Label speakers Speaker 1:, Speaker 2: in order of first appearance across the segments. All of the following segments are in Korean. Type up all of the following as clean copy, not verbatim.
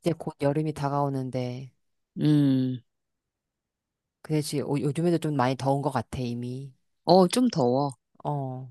Speaker 1: 이제 곧 여름이 다가오는데,
Speaker 2: 음,
Speaker 1: 그래지 요즘에도 좀 많이 더운 것 같아, 이미.
Speaker 2: 어, 좀 더워.
Speaker 1: 어,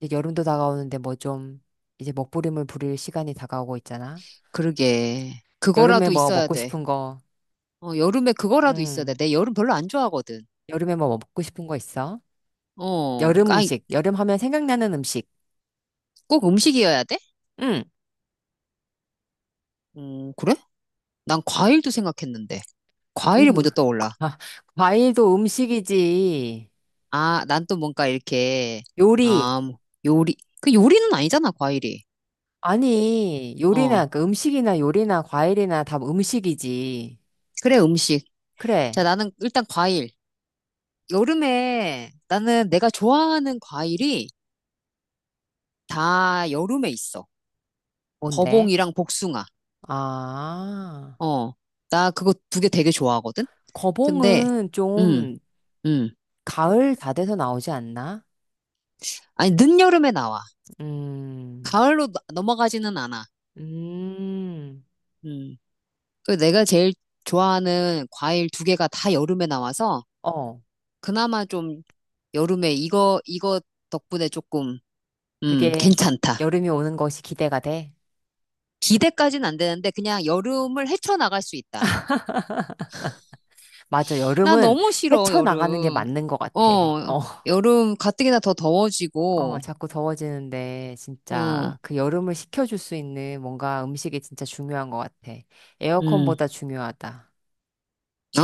Speaker 1: 이제 여름도 다가오는데 뭐 좀, 이제 먹부림을 부릴 시간이 다가오고 있잖아.
Speaker 2: 그러게.
Speaker 1: 여름에
Speaker 2: 그거라도
Speaker 1: 뭐
Speaker 2: 있어야
Speaker 1: 먹고
Speaker 2: 돼.
Speaker 1: 싶은 거,
Speaker 2: 어, 여름에 그거라도 있어야 돼.
Speaker 1: 응.
Speaker 2: 내 여름 별로 안 좋아하거든.
Speaker 1: 여름에 뭐 먹고 싶은 거 있어?
Speaker 2: 어,
Speaker 1: 여름
Speaker 2: 아니,
Speaker 1: 음식, 여름 하면 생각나는 음식.
Speaker 2: 꼭 음식이어야 돼?
Speaker 1: 응.
Speaker 2: 그래? 난 과일도 생각했는데.
Speaker 1: 음,
Speaker 2: 과일이 먼저 떠올라.
Speaker 1: 아, 과일도 음식이지.
Speaker 2: 아, 난 또 뭔가 이렇게,
Speaker 1: 요리.
Speaker 2: 아, 뭐, 요리. 그 요리는 아니잖아, 과일이.
Speaker 1: 아니,
Speaker 2: 어,
Speaker 1: 요리나, 그 음식이나 요리나 과일이나 다 음식이지.
Speaker 2: 그래, 음식. 자,
Speaker 1: 그래.
Speaker 2: 나는 일단 과일. 여름에 나는 내가 좋아하는 과일이 다 여름에 있어.
Speaker 1: 뭔데?
Speaker 2: 거봉이랑 복숭아.
Speaker 1: 아.
Speaker 2: 어, 나 그거 두 개 되게 좋아하거든? 근데,
Speaker 1: 거봉은
Speaker 2: 음,
Speaker 1: 좀
Speaker 2: 음.
Speaker 1: 가을 다 돼서 나오지 않나?
Speaker 2: 아니, 늦여름에 나와.
Speaker 1: 음,
Speaker 2: 가을로 넘어가지는 않아.
Speaker 1: 음,
Speaker 2: 음. 그 내가 제일 좋아하는 과일 두 개가 다 여름에 나와서,
Speaker 1: 어,
Speaker 2: 그나마 좀 여름에 이거, 이거 덕분에 조금,
Speaker 1: 그게
Speaker 2: 괜찮다.
Speaker 1: 여름이 오는 것이 기대가 돼.
Speaker 2: 기대까지는 안 되는데, 그냥 여름을 헤쳐나갈 수 있다.
Speaker 1: 맞아,
Speaker 2: 나
Speaker 1: 여름은
Speaker 2: 너무 싫어,
Speaker 1: 헤쳐나가는 게
Speaker 2: 여름.
Speaker 1: 맞는 것 같아.
Speaker 2: 어,
Speaker 1: 어,
Speaker 2: 여름 가뜩이나 더
Speaker 1: 어,
Speaker 2: 더워지고,
Speaker 1: 자꾸 더워지는데
Speaker 2: 어,
Speaker 1: 진짜 그 여름을 식혀줄 수 있는 뭔가 음식이 진짜 중요한 것 같아.
Speaker 2: 음,
Speaker 1: 에어컨보다 중요하다.
Speaker 2: 어?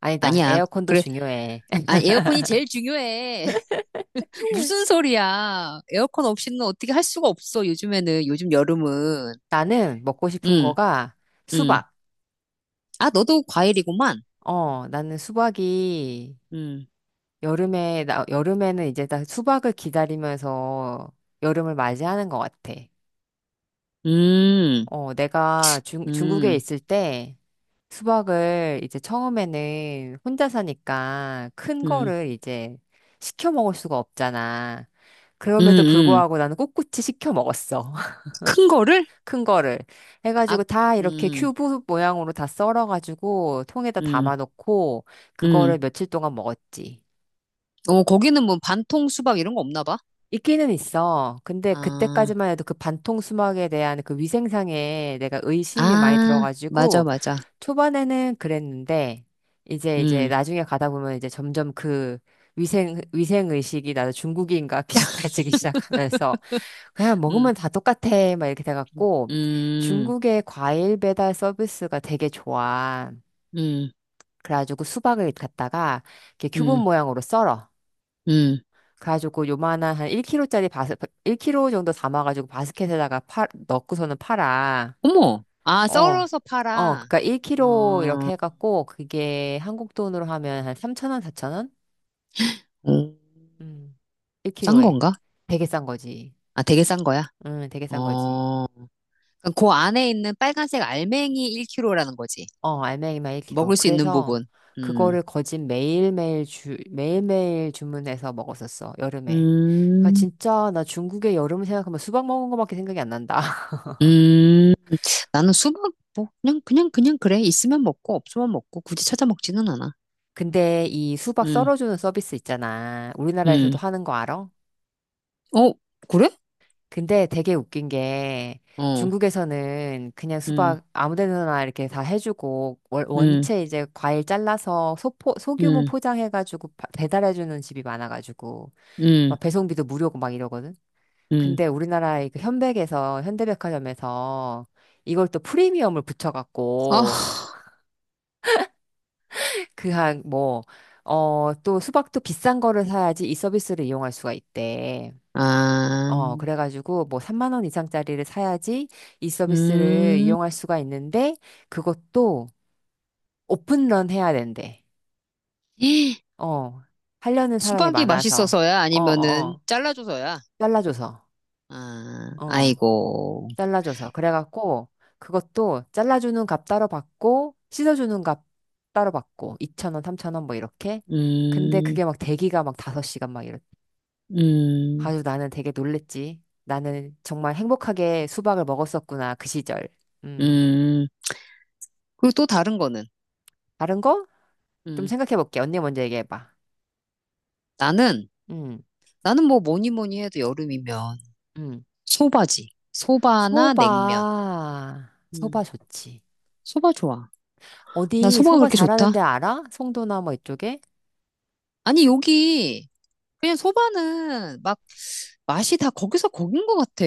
Speaker 1: 아니다,
Speaker 2: 아니야.
Speaker 1: 에어컨도 중요해.
Speaker 2: 아, 에어컨이 제일 중요해. 무슨 소리야. 에어컨 없이는 어떻게 할 수가 없어, 요즘에는. 요즘 여름은.
Speaker 1: 나는 먹고 싶은
Speaker 2: 응,
Speaker 1: 거가
Speaker 2: 응.
Speaker 1: 수박.
Speaker 2: 아, 너도 과일이구만.
Speaker 1: 어, 나는 수박이
Speaker 2: 응,
Speaker 1: 여름에, 나, 여름에는 이제 다 수박을 기다리면서 여름을 맞이하는 것 같아.
Speaker 2: 음,
Speaker 1: 어, 내가 중국에
Speaker 2: 음,
Speaker 1: 있을 때 수박을 이제 처음에는 혼자 사니까 큰
Speaker 2: 음,
Speaker 1: 거를 이제 시켜 먹을 수가 없잖아.
Speaker 2: 음,
Speaker 1: 그럼에도
Speaker 2: 음.
Speaker 1: 불구하고 나는 꿋꿋이 시켜 먹었어.
Speaker 2: 큰 거를?
Speaker 1: 큰 거를.
Speaker 2: 아,
Speaker 1: 해가지고 다 이렇게
Speaker 2: 음,
Speaker 1: 큐브 모양으로 다 썰어가지고 통에다
Speaker 2: 음,
Speaker 1: 담아놓고
Speaker 2: 음.
Speaker 1: 그거를 며칠 동안 먹었지.
Speaker 2: 어, 거기는 뭐 반통 수박 이런 거 없나 봐.
Speaker 1: 있기는 있어. 근데
Speaker 2: 아,
Speaker 1: 그때까지만 해도 그 반통 수막에 대한 그 위생상에 내가 의심이 많이
Speaker 2: 아, 맞아,
Speaker 1: 들어가지고
Speaker 2: 맞아.
Speaker 1: 초반에는 그랬는데 이제
Speaker 2: 음,
Speaker 1: 나중에 가다 보면 이제 점점 그 위생 의식이 나도 중국인과 비슷해지기 시작하면서 그냥
Speaker 2: 음,
Speaker 1: 먹으면 다 똑같아 막 이렇게 돼갖고
Speaker 2: 음,
Speaker 1: 중국의 과일 배달 서비스가 되게 좋아.
Speaker 2: 음,
Speaker 1: 그래가지고 수박을 갖다가 이렇게 큐브
Speaker 2: 음,
Speaker 1: 모양으로 썰어.
Speaker 2: 음.
Speaker 1: 그래가지고 요만한 한 1kg 정도 담아가지고 바스켓에다가 팔 넣고서는 팔아.
Speaker 2: 어머, 아,
Speaker 1: 어.
Speaker 2: 썰어서
Speaker 1: 어,
Speaker 2: 팔아.
Speaker 1: 그니까 1kg
Speaker 2: 어.
Speaker 1: 이렇게 해갖고, 그게 한국 돈으로 하면 한 3,000원, 4,000원?
Speaker 2: 음,
Speaker 1: 음,
Speaker 2: 싼
Speaker 1: 1kg에.
Speaker 2: 건가?
Speaker 1: 되게 싼 거지.
Speaker 2: 아, 되게 싼 거야?
Speaker 1: 되게 싼 거지.
Speaker 2: 어, 그럼 그 안에 있는 빨간색 알맹이 1kg라는 거지.
Speaker 1: 어, 알맹이만 1kg.
Speaker 2: 먹을 수 있는
Speaker 1: 그래서
Speaker 2: 부분. 음,
Speaker 1: 그거를 거진 매일매일 주문해서 먹었었어, 여름에. 그니까
Speaker 2: 음,
Speaker 1: 진짜 나 중국의 여름을 생각하면 수박 먹은 거밖에 생각이 안 난다.
Speaker 2: 음. 나는 수박, 뭐, 그냥, 그냥, 그냥 그래. 있으면 먹고, 없으면 먹고, 굳이 찾아 먹지는 않아.
Speaker 1: 근데 이 수박
Speaker 2: 음,
Speaker 1: 썰어주는 서비스 있잖아. 우리나라에서도
Speaker 2: 음.
Speaker 1: 하는 거 알아?
Speaker 2: 어, 그래?
Speaker 1: 근데 되게 웃긴 게
Speaker 2: 어,
Speaker 1: 중국에서는 그냥
Speaker 2: 음,
Speaker 1: 수박 아무 데나 이렇게 다 해주고
Speaker 2: 음,
Speaker 1: 원체 이제 과일 잘라서 소규모
Speaker 2: 음,
Speaker 1: 포장해가지고 배달해주는 집이 많아가지고
Speaker 2: 음,
Speaker 1: 막 배송비도 무료고 막 이러거든.
Speaker 2: 음.
Speaker 1: 근데 우리나라의 그 현백에서 현대백화점에서 이걸 또 프리미엄을
Speaker 2: 아,
Speaker 1: 붙여갖고 그 한뭐 어, 또 수박도 비싼 거를 사야지 이 서비스를 이용할 수가 있대.
Speaker 2: 아,
Speaker 1: 어, 그래가지고 뭐 3만 원 이상짜리를 사야지 이 서비스를
Speaker 2: 음.
Speaker 1: 이용할 수가 있는데 그것도 오픈런 해야 된대. 어, 하려는 사람이
Speaker 2: 수박이
Speaker 1: 많아서.
Speaker 2: 맛있어서야?
Speaker 1: 어, 어,
Speaker 2: 아니면은,
Speaker 1: 어.
Speaker 2: 잘라줘서야?
Speaker 1: 잘라줘서.
Speaker 2: 아,
Speaker 1: 어,
Speaker 2: 아이고.
Speaker 1: 잘라줘서. 그래갖고 그것도 잘라주는 값 따로 받고 씻어주는 값 따로 받고 2천 원, 3천 원 뭐 이렇게. 근데
Speaker 2: 음,
Speaker 1: 그게 막 대기가 막 5시간 막 이렇.
Speaker 2: 음,
Speaker 1: 아주 나는 되게 놀랬지. 나는 정말 행복하게 수박을 먹었었구나. 그 시절. 음.
Speaker 2: 음. 그리고 또 다른 거는,
Speaker 1: 다른 거? 좀
Speaker 2: 음,
Speaker 1: 생각해 볼게. 언니 먼저 얘기해 봐.
Speaker 2: 나는,
Speaker 1: 음,
Speaker 2: 나는 뭐 뭐니 뭐니 해도 여름이면
Speaker 1: 음.
Speaker 2: 소바지. 소바나 냉면.
Speaker 1: 소바.
Speaker 2: 음,
Speaker 1: 소바 좋지.
Speaker 2: 소바 좋아. 나
Speaker 1: 어디
Speaker 2: 소바가
Speaker 1: 소바
Speaker 2: 그렇게
Speaker 1: 잘하는
Speaker 2: 좋다?
Speaker 1: 데 알아? 송도나 뭐 이쪽에?
Speaker 2: 아니, 여기, 그냥 소바는 막 맛이 다 거기서 거긴 것 같아.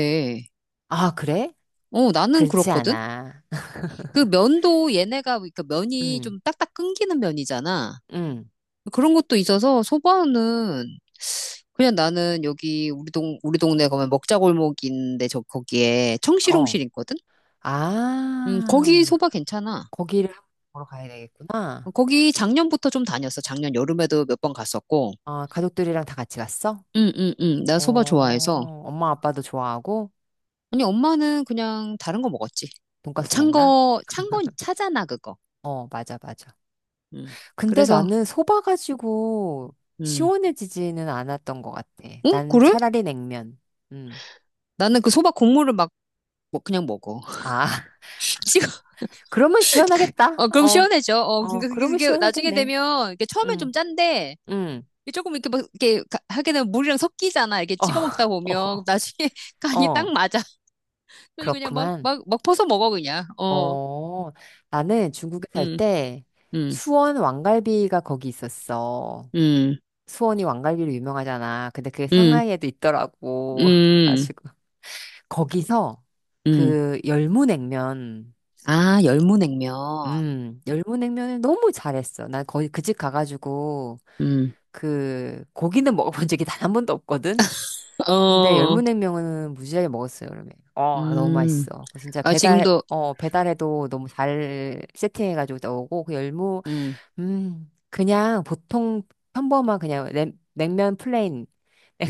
Speaker 1: 아, 그래?
Speaker 2: 어, 나는
Speaker 1: 그렇지
Speaker 2: 그렇거든?
Speaker 1: 않아.
Speaker 2: 그 면도 얘네가, 그러니까 면이
Speaker 1: 음,
Speaker 2: 좀 딱딱 끊기는 면이잖아.
Speaker 1: 음,
Speaker 2: 그런 것도 있어서 소바는 그냥 나는 여기 우리 동 우리 동네 가면 먹자골목인데 저 거기에
Speaker 1: 어.
Speaker 2: 청실홍실 있거든. 거기
Speaker 1: 아,
Speaker 2: 소바 괜찮아.
Speaker 1: 거기를 한번 보러 가야 되겠구나.
Speaker 2: 거기 작년부터 좀 다녔어. 작년 여름에도 몇 번 갔었고.
Speaker 1: 아, 가족들이랑 다 같이 갔어?
Speaker 2: 응응응. 나 소바
Speaker 1: 어,
Speaker 2: 좋아해서.
Speaker 1: 엄마 아빠도 좋아하고
Speaker 2: 아니 엄마는 그냥 다른 거 먹었지.
Speaker 1: 돈까스
Speaker 2: 찬
Speaker 1: 먹나?
Speaker 2: 거, 찬 거 차잖아 그거.
Speaker 1: 어, 맞아, 맞아.
Speaker 2: 음.
Speaker 1: 근데
Speaker 2: 그래서
Speaker 1: 나는 소바 가지고
Speaker 2: 음.
Speaker 1: 시원해지지는 않았던 것 같아.
Speaker 2: 응?
Speaker 1: 난
Speaker 2: 그래?
Speaker 1: 차라리 냉면. 음.
Speaker 2: 나는 그 소바 국물을 막 뭐 그냥 먹어.
Speaker 1: 아, 그러면 시원하겠다.
Speaker 2: 어, 그럼
Speaker 1: 어,
Speaker 2: 시원해져. 어,
Speaker 1: 어,
Speaker 2: 그러니까 그게,
Speaker 1: 그러면
Speaker 2: 그게 나중에
Speaker 1: 시원하겠네.
Speaker 2: 되면, 이게 처음엔 좀
Speaker 1: 응.
Speaker 2: 짠데,
Speaker 1: 응.
Speaker 2: 이게 조금 이렇게 막, 이렇게 하게 되면 물이랑 섞이잖아. 이렇게
Speaker 1: 어,
Speaker 2: 찍어 먹다 보면, 나중에
Speaker 1: 어,
Speaker 2: 간이
Speaker 1: 어,
Speaker 2: 딱 맞아. 그래서 그냥 막,
Speaker 1: 그렇구만.
Speaker 2: 막, 막 퍼서 먹어, 그냥. 어,
Speaker 1: 어, 나는 중국에 살
Speaker 2: 음,
Speaker 1: 때
Speaker 2: 음,
Speaker 1: 수원 왕갈비가 거기 있었어.
Speaker 2: 음,
Speaker 1: 수원이 왕갈비로 유명하잖아. 근데 그게
Speaker 2: 음,
Speaker 1: 상하이에도 있더라고.
Speaker 2: 음,
Speaker 1: 그래가지고 거기서
Speaker 2: 음.
Speaker 1: 그 열무냉면
Speaker 2: 아, 열무냉면.
Speaker 1: 열무냉면을 너무 잘했어. 난 거의 그 집 가가지고
Speaker 2: 음,
Speaker 1: 그 고기는 먹어본 적이 단 한 번도 없거든. 근데
Speaker 2: 어,
Speaker 1: 열무냉면은 무지하게 먹었어요, 여름에. 어, 너무
Speaker 2: 음.
Speaker 1: 맛있어. 그 진짜
Speaker 2: 아,
Speaker 1: 배달,
Speaker 2: 지금도,
Speaker 1: 어, 배달해도 너무 잘 세팅해가지고 나오고 그 열무,
Speaker 2: 음,
Speaker 1: 그냥 보통 평범한 그냥 냉면 플레인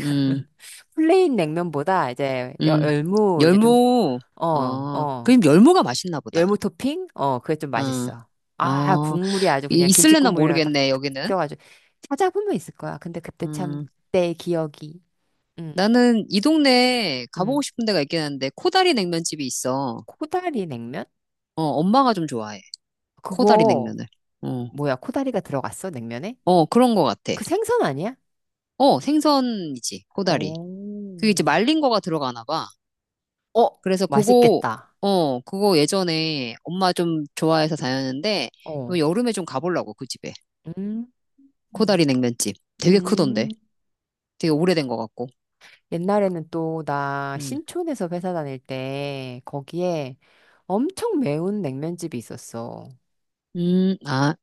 Speaker 2: 음,
Speaker 1: 플레인 냉면보다 이제
Speaker 2: 음.
Speaker 1: 열무 이제 좀
Speaker 2: 열무,
Speaker 1: 어,
Speaker 2: 어,
Speaker 1: 어.
Speaker 2: 그럼 열무가 맛있나 보다.
Speaker 1: 열무 토핑? 어, 그게 좀 맛있어. 아,
Speaker 2: 어,
Speaker 1: 국물이 아주 그냥 김치
Speaker 2: 있을래나
Speaker 1: 국물이랑 딱,
Speaker 2: 모르겠네,
Speaker 1: 딱
Speaker 2: 여기는.
Speaker 1: 섞여가지고. 찾아보면 있을 거야. 근데 그때 참,
Speaker 2: 음,
Speaker 1: 그때의 기억이. 응,
Speaker 2: 나는 이 동네에
Speaker 1: 응.
Speaker 2: 가보고 싶은 데가 있긴 한데, 코다리 냉면집이 있어.
Speaker 1: 코다리 냉면?
Speaker 2: 어, 엄마가 좀 좋아해. 코다리
Speaker 1: 그거,
Speaker 2: 냉면을. 어,
Speaker 1: 뭐야, 코다리가 들어갔어? 냉면에?
Speaker 2: 어, 그런 거 같아.
Speaker 1: 그 생선 아니야?
Speaker 2: 어, 생선이지, 코다리. 그게 이제
Speaker 1: 오.
Speaker 2: 말린 거가 들어가나 봐.
Speaker 1: 어,
Speaker 2: 그래서 그거,
Speaker 1: 맛있겠다.
Speaker 2: 어, 그거 예전에 엄마 좀 좋아해서 다녔는데,
Speaker 1: 어.
Speaker 2: 이번 여름에 좀 가보려고, 그 집에.
Speaker 1: 음.
Speaker 2: 코다리
Speaker 1: 음.
Speaker 2: 냉면집. 되게 크던데.
Speaker 1: 음.
Speaker 2: 되게 오래된 거 같고.
Speaker 1: 옛날에는 또 나
Speaker 2: 음,
Speaker 1: 신촌에서 회사 다닐 때 거기에 엄청 매운 냉면집이 있었어.
Speaker 2: 아,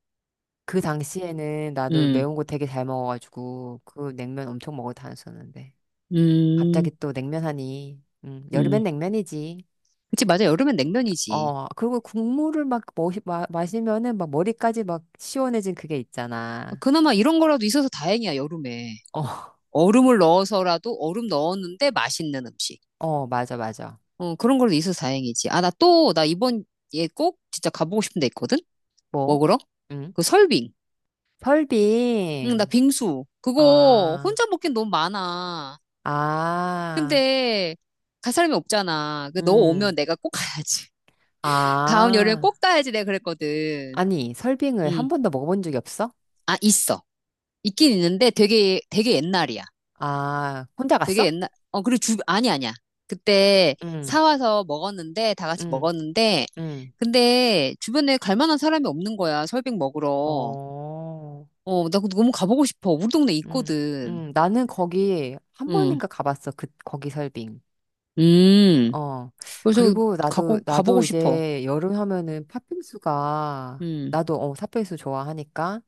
Speaker 1: 그 당시에는 나도
Speaker 2: 음,
Speaker 1: 매운 거 되게 잘 먹어가지고 그 냉면 엄청 먹어 다녔었는데
Speaker 2: 음.
Speaker 1: 갑자기 또 냉면 하니 여름엔
Speaker 2: 음.
Speaker 1: 냉면이지.
Speaker 2: 그치, 맞아. 여름엔 냉면이지.
Speaker 1: 어, 그리고 국물을 막 마시면은 막 머리까지 막 시원해진 그게 있잖아.
Speaker 2: 그나마 이런 거라도 있어서 다행이야, 여름에.
Speaker 1: 어,
Speaker 2: 얼음을 넣어서라도 얼음 넣었는데 맛있는 음식.
Speaker 1: 어, 맞아, 맞아.
Speaker 2: 어, 그런 걸로 있어서 다행이지. 아, 나 또, 나 이번 에꼭 진짜 가보고 싶은 데 있거든?
Speaker 1: 뭐?
Speaker 2: 먹으러?
Speaker 1: 응?
Speaker 2: 그 설빙. 응, 나
Speaker 1: 설빙.
Speaker 2: 빙수. 그거
Speaker 1: 아,
Speaker 2: 혼자 먹긴 너무 많아.
Speaker 1: 아,
Speaker 2: 근데 갈 사람이 없잖아. 그 너
Speaker 1: 음,
Speaker 2: 오면 내가 꼭 가야지. 다음 여름에
Speaker 1: 아.
Speaker 2: 꼭 가야지 내가 그랬거든.
Speaker 1: 아니, 설빙을 한
Speaker 2: 응.
Speaker 1: 번도 먹어본 적이 없어?
Speaker 2: 아, 있어. 있긴 있는데 되게, 되게 옛날이야.
Speaker 1: 아, 혼자
Speaker 2: 되게
Speaker 1: 갔어?
Speaker 2: 옛날, 어, 그리고 주, 아니, 아니야. 그때
Speaker 1: 응,
Speaker 2: 사와서 먹었는데, 다 같이
Speaker 1: 응,
Speaker 2: 먹었는데,
Speaker 1: 응.
Speaker 2: 근데 주변에 갈 만한 사람이 없는 거야. 설빙 먹으러.
Speaker 1: 어,
Speaker 2: 어, 나그 너무 가보고 싶어. 우리 동네
Speaker 1: 음,
Speaker 2: 있거든.
Speaker 1: 나는 거기 한
Speaker 2: 응,
Speaker 1: 번인가 가봤어. 그, 거기 설빙.
Speaker 2: 음.
Speaker 1: 어.
Speaker 2: 그래서
Speaker 1: 그리고
Speaker 2: 가고,
Speaker 1: 나도, 나도
Speaker 2: 가보고 싶어.
Speaker 1: 이제 여름 하면은 팥빙수가,
Speaker 2: 음,
Speaker 1: 나도, 어, 팥빙수 좋아하니까.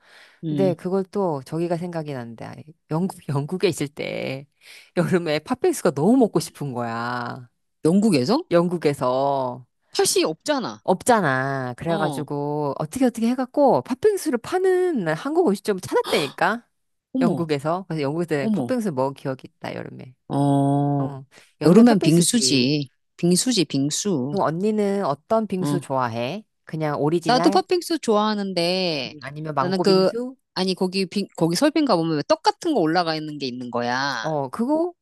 Speaker 1: 근데
Speaker 2: 음.
Speaker 1: 그걸 또 저기가 생각이 난다. 영국, 영국에 있을 때 여름에 팥빙수가 너무 먹고 싶은 거야.
Speaker 2: 영국에서?
Speaker 1: 영국에서.
Speaker 2: 팥이 없잖아.
Speaker 1: 없잖아.
Speaker 2: 어,
Speaker 1: 그래가지고 어떻게 어떻게 해갖고 팥빙수를 파는 한국 음식점을 찾았다니까.
Speaker 2: 어머,
Speaker 1: 영국에서. 그래서 영국에서
Speaker 2: 어머.
Speaker 1: 팥빙수 먹은 기억이 있다, 여름에.
Speaker 2: 어,
Speaker 1: 어. 여름에
Speaker 2: 여름엔
Speaker 1: 팥빙수지.
Speaker 2: 빙수지. 빙수지, 빙수.
Speaker 1: 그럼 언니는 어떤 빙수
Speaker 2: 어.
Speaker 1: 좋아해? 그냥
Speaker 2: 나도
Speaker 1: 오리지널?
Speaker 2: 팥빙수 좋아하는데
Speaker 1: 아니면
Speaker 2: 나는
Speaker 1: 망고
Speaker 2: 그
Speaker 1: 빙수?
Speaker 2: 아니 거기 거기 설빙가 보면 왜 떡 같은 거 올라가 있는 게 있는 거야.
Speaker 1: 어, 그거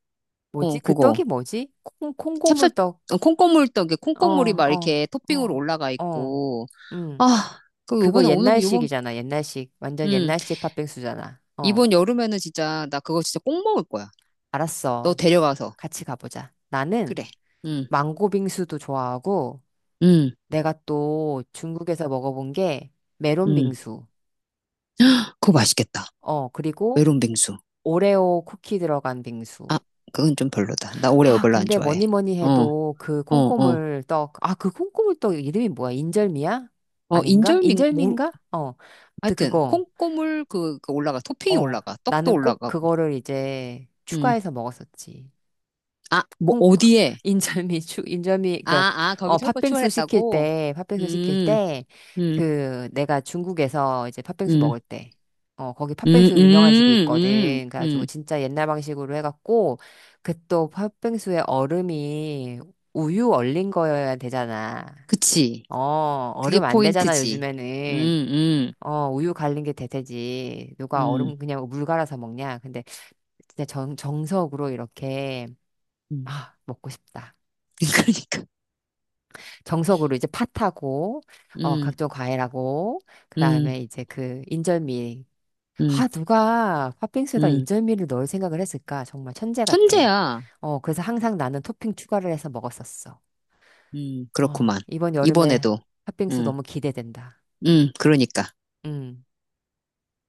Speaker 1: 뭐지?
Speaker 2: 어
Speaker 1: 그
Speaker 2: 그거
Speaker 1: 떡이 뭐지?
Speaker 2: 찹쌀
Speaker 1: 콩고물떡.
Speaker 2: 어, 콩고물 떡에
Speaker 1: 어,
Speaker 2: 콩고물이 막
Speaker 1: 어,
Speaker 2: 이렇게 토핑으로
Speaker 1: 어,
Speaker 2: 올라가
Speaker 1: 어.
Speaker 2: 있고
Speaker 1: 음.
Speaker 2: 아그
Speaker 1: 그거
Speaker 2: 요번에 오는 요번
Speaker 1: 옛날식이잖아, 옛날식. 완전
Speaker 2: 음
Speaker 1: 옛날식 팥빙수잖아. 어.
Speaker 2: 이번 여름에는 진짜 나 그거 진짜 꼭 먹을 거야. 너
Speaker 1: 알았어.
Speaker 2: 데려가서
Speaker 1: 같이 가보자. 나는
Speaker 2: 그래. 음
Speaker 1: 망고 빙수도 좋아하고,
Speaker 2: 음,
Speaker 1: 내가 또 중국에서 먹어본 게 메론
Speaker 2: 음.
Speaker 1: 빙수.
Speaker 2: 그거 맛있겠다.
Speaker 1: 어, 그리고
Speaker 2: 메론 빙수.
Speaker 1: 오레오 쿠키 들어간 빙수.
Speaker 2: 아 그건 좀 별로다. 나 올해
Speaker 1: 아,
Speaker 2: 별로 안
Speaker 1: 근데
Speaker 2: 좋아해.
Speaker 1: 뭐니 뭐니
Speaker 2: 어
Speaker 1: 해도 그
Speaker 2: 어, 어.
Speaker 1: 콩고물 떡, 아, 그 콩고물 떡 이름이 뭐야? 인절미야?
Speaker 2: 어,
Speaker 1: 아닌가?
Speaker 2: 인절미, 뭐,
Speaker 1: 인절미인가? 어, 아무튼
Speaker 2: 하여튼
Speaker 1: 그거.
Speaker 2: 콩고물 그, 그 올라가 토핑이
Speaker 1: 어,
Speaker 2: 올라가 떡도
Speaker 1: 나는 꼭
Speaker 2: 올라가고
Speaker 1: 그거를 이제
Speaker 2: 음.
Speaker 1: 추가해서 먹었었지.
Speaker 2: 아, 뭐
Speaker 1: 콩
Speaker 2: 어디에?
Speaker 1: 인절미
Speaker 2: 아, 아, 거기
Speaker 1: 그어
Speaker 2: 털고 출혈했다고?
Speaker 1: 팥빙수 시킬
Speaker 2: 음,
Speaker 1: 때.
Speaker 2: 음,
Speaker 1: 그 내가 중국에서 이제 팥빙수
Speaker 2: 음,
Speaker 1: 먹을 때 어 거기
Speaker 2: 음,
Speaker 1: 팥빙수 유명한 집이
Speaker 2: 음, 음,
Speaker 1: 있거든. 그래가지고
Speaker 2: 음.
Speaker 1: 진짜 옛날 방식으로 해갖고 그 또 팥빙수에 얼음이 우유 얼린 거여야 되잖아.
Speaker 2: 그치.
Speaker 1: 어,
Speaker 2: 그게
Speaker 1: 얼음 안 되잖아
Speaker 2: 포인트지. 음,
Speaker 1: 요즘에는.
Speaker 2: 음,
Speaker 1: 어, 우유 갈린 게 대세지. 누가
Speaker 2: 음,
Speaker 1: 얼음 그냥 물 갈아서 먹냐. 근데 진짜 정 정석으로 이렇게
Speaker 2: 음.
Speaker 1: 아 먹고 싶다.
Speaker 2: 그러니까.
Speaker 1: 정석으로 이제 팥하고 어
Speaker 2: 음,
Speaker 1: 각종 과일하고
Speaker 2: 음,
Speaker 1: 그다음에 이제 그 인절미
Speaker 2: 음,
Speaker 1: 아 누가 팥빙수에다
Speaker 2: 음.
Speaker 1: 인절미를 넣을 생각을 했을까. 정말 천재 같아.
Speaker 2: 천재야.
Speaker 1: 어, 그래서 항상 나는 토핑 추가를 해서 먹었었어. 어,
Speaker 2: 그렇구만.
Speaker 1: 이번 여름에
Speaker 2: 이번에도.
Speaker 1: 팥빙수
Speaker 2: 음,
Speaker 1: 너무 기대된다.
Speaker 2: 그러니까.
Speaker 1: 음.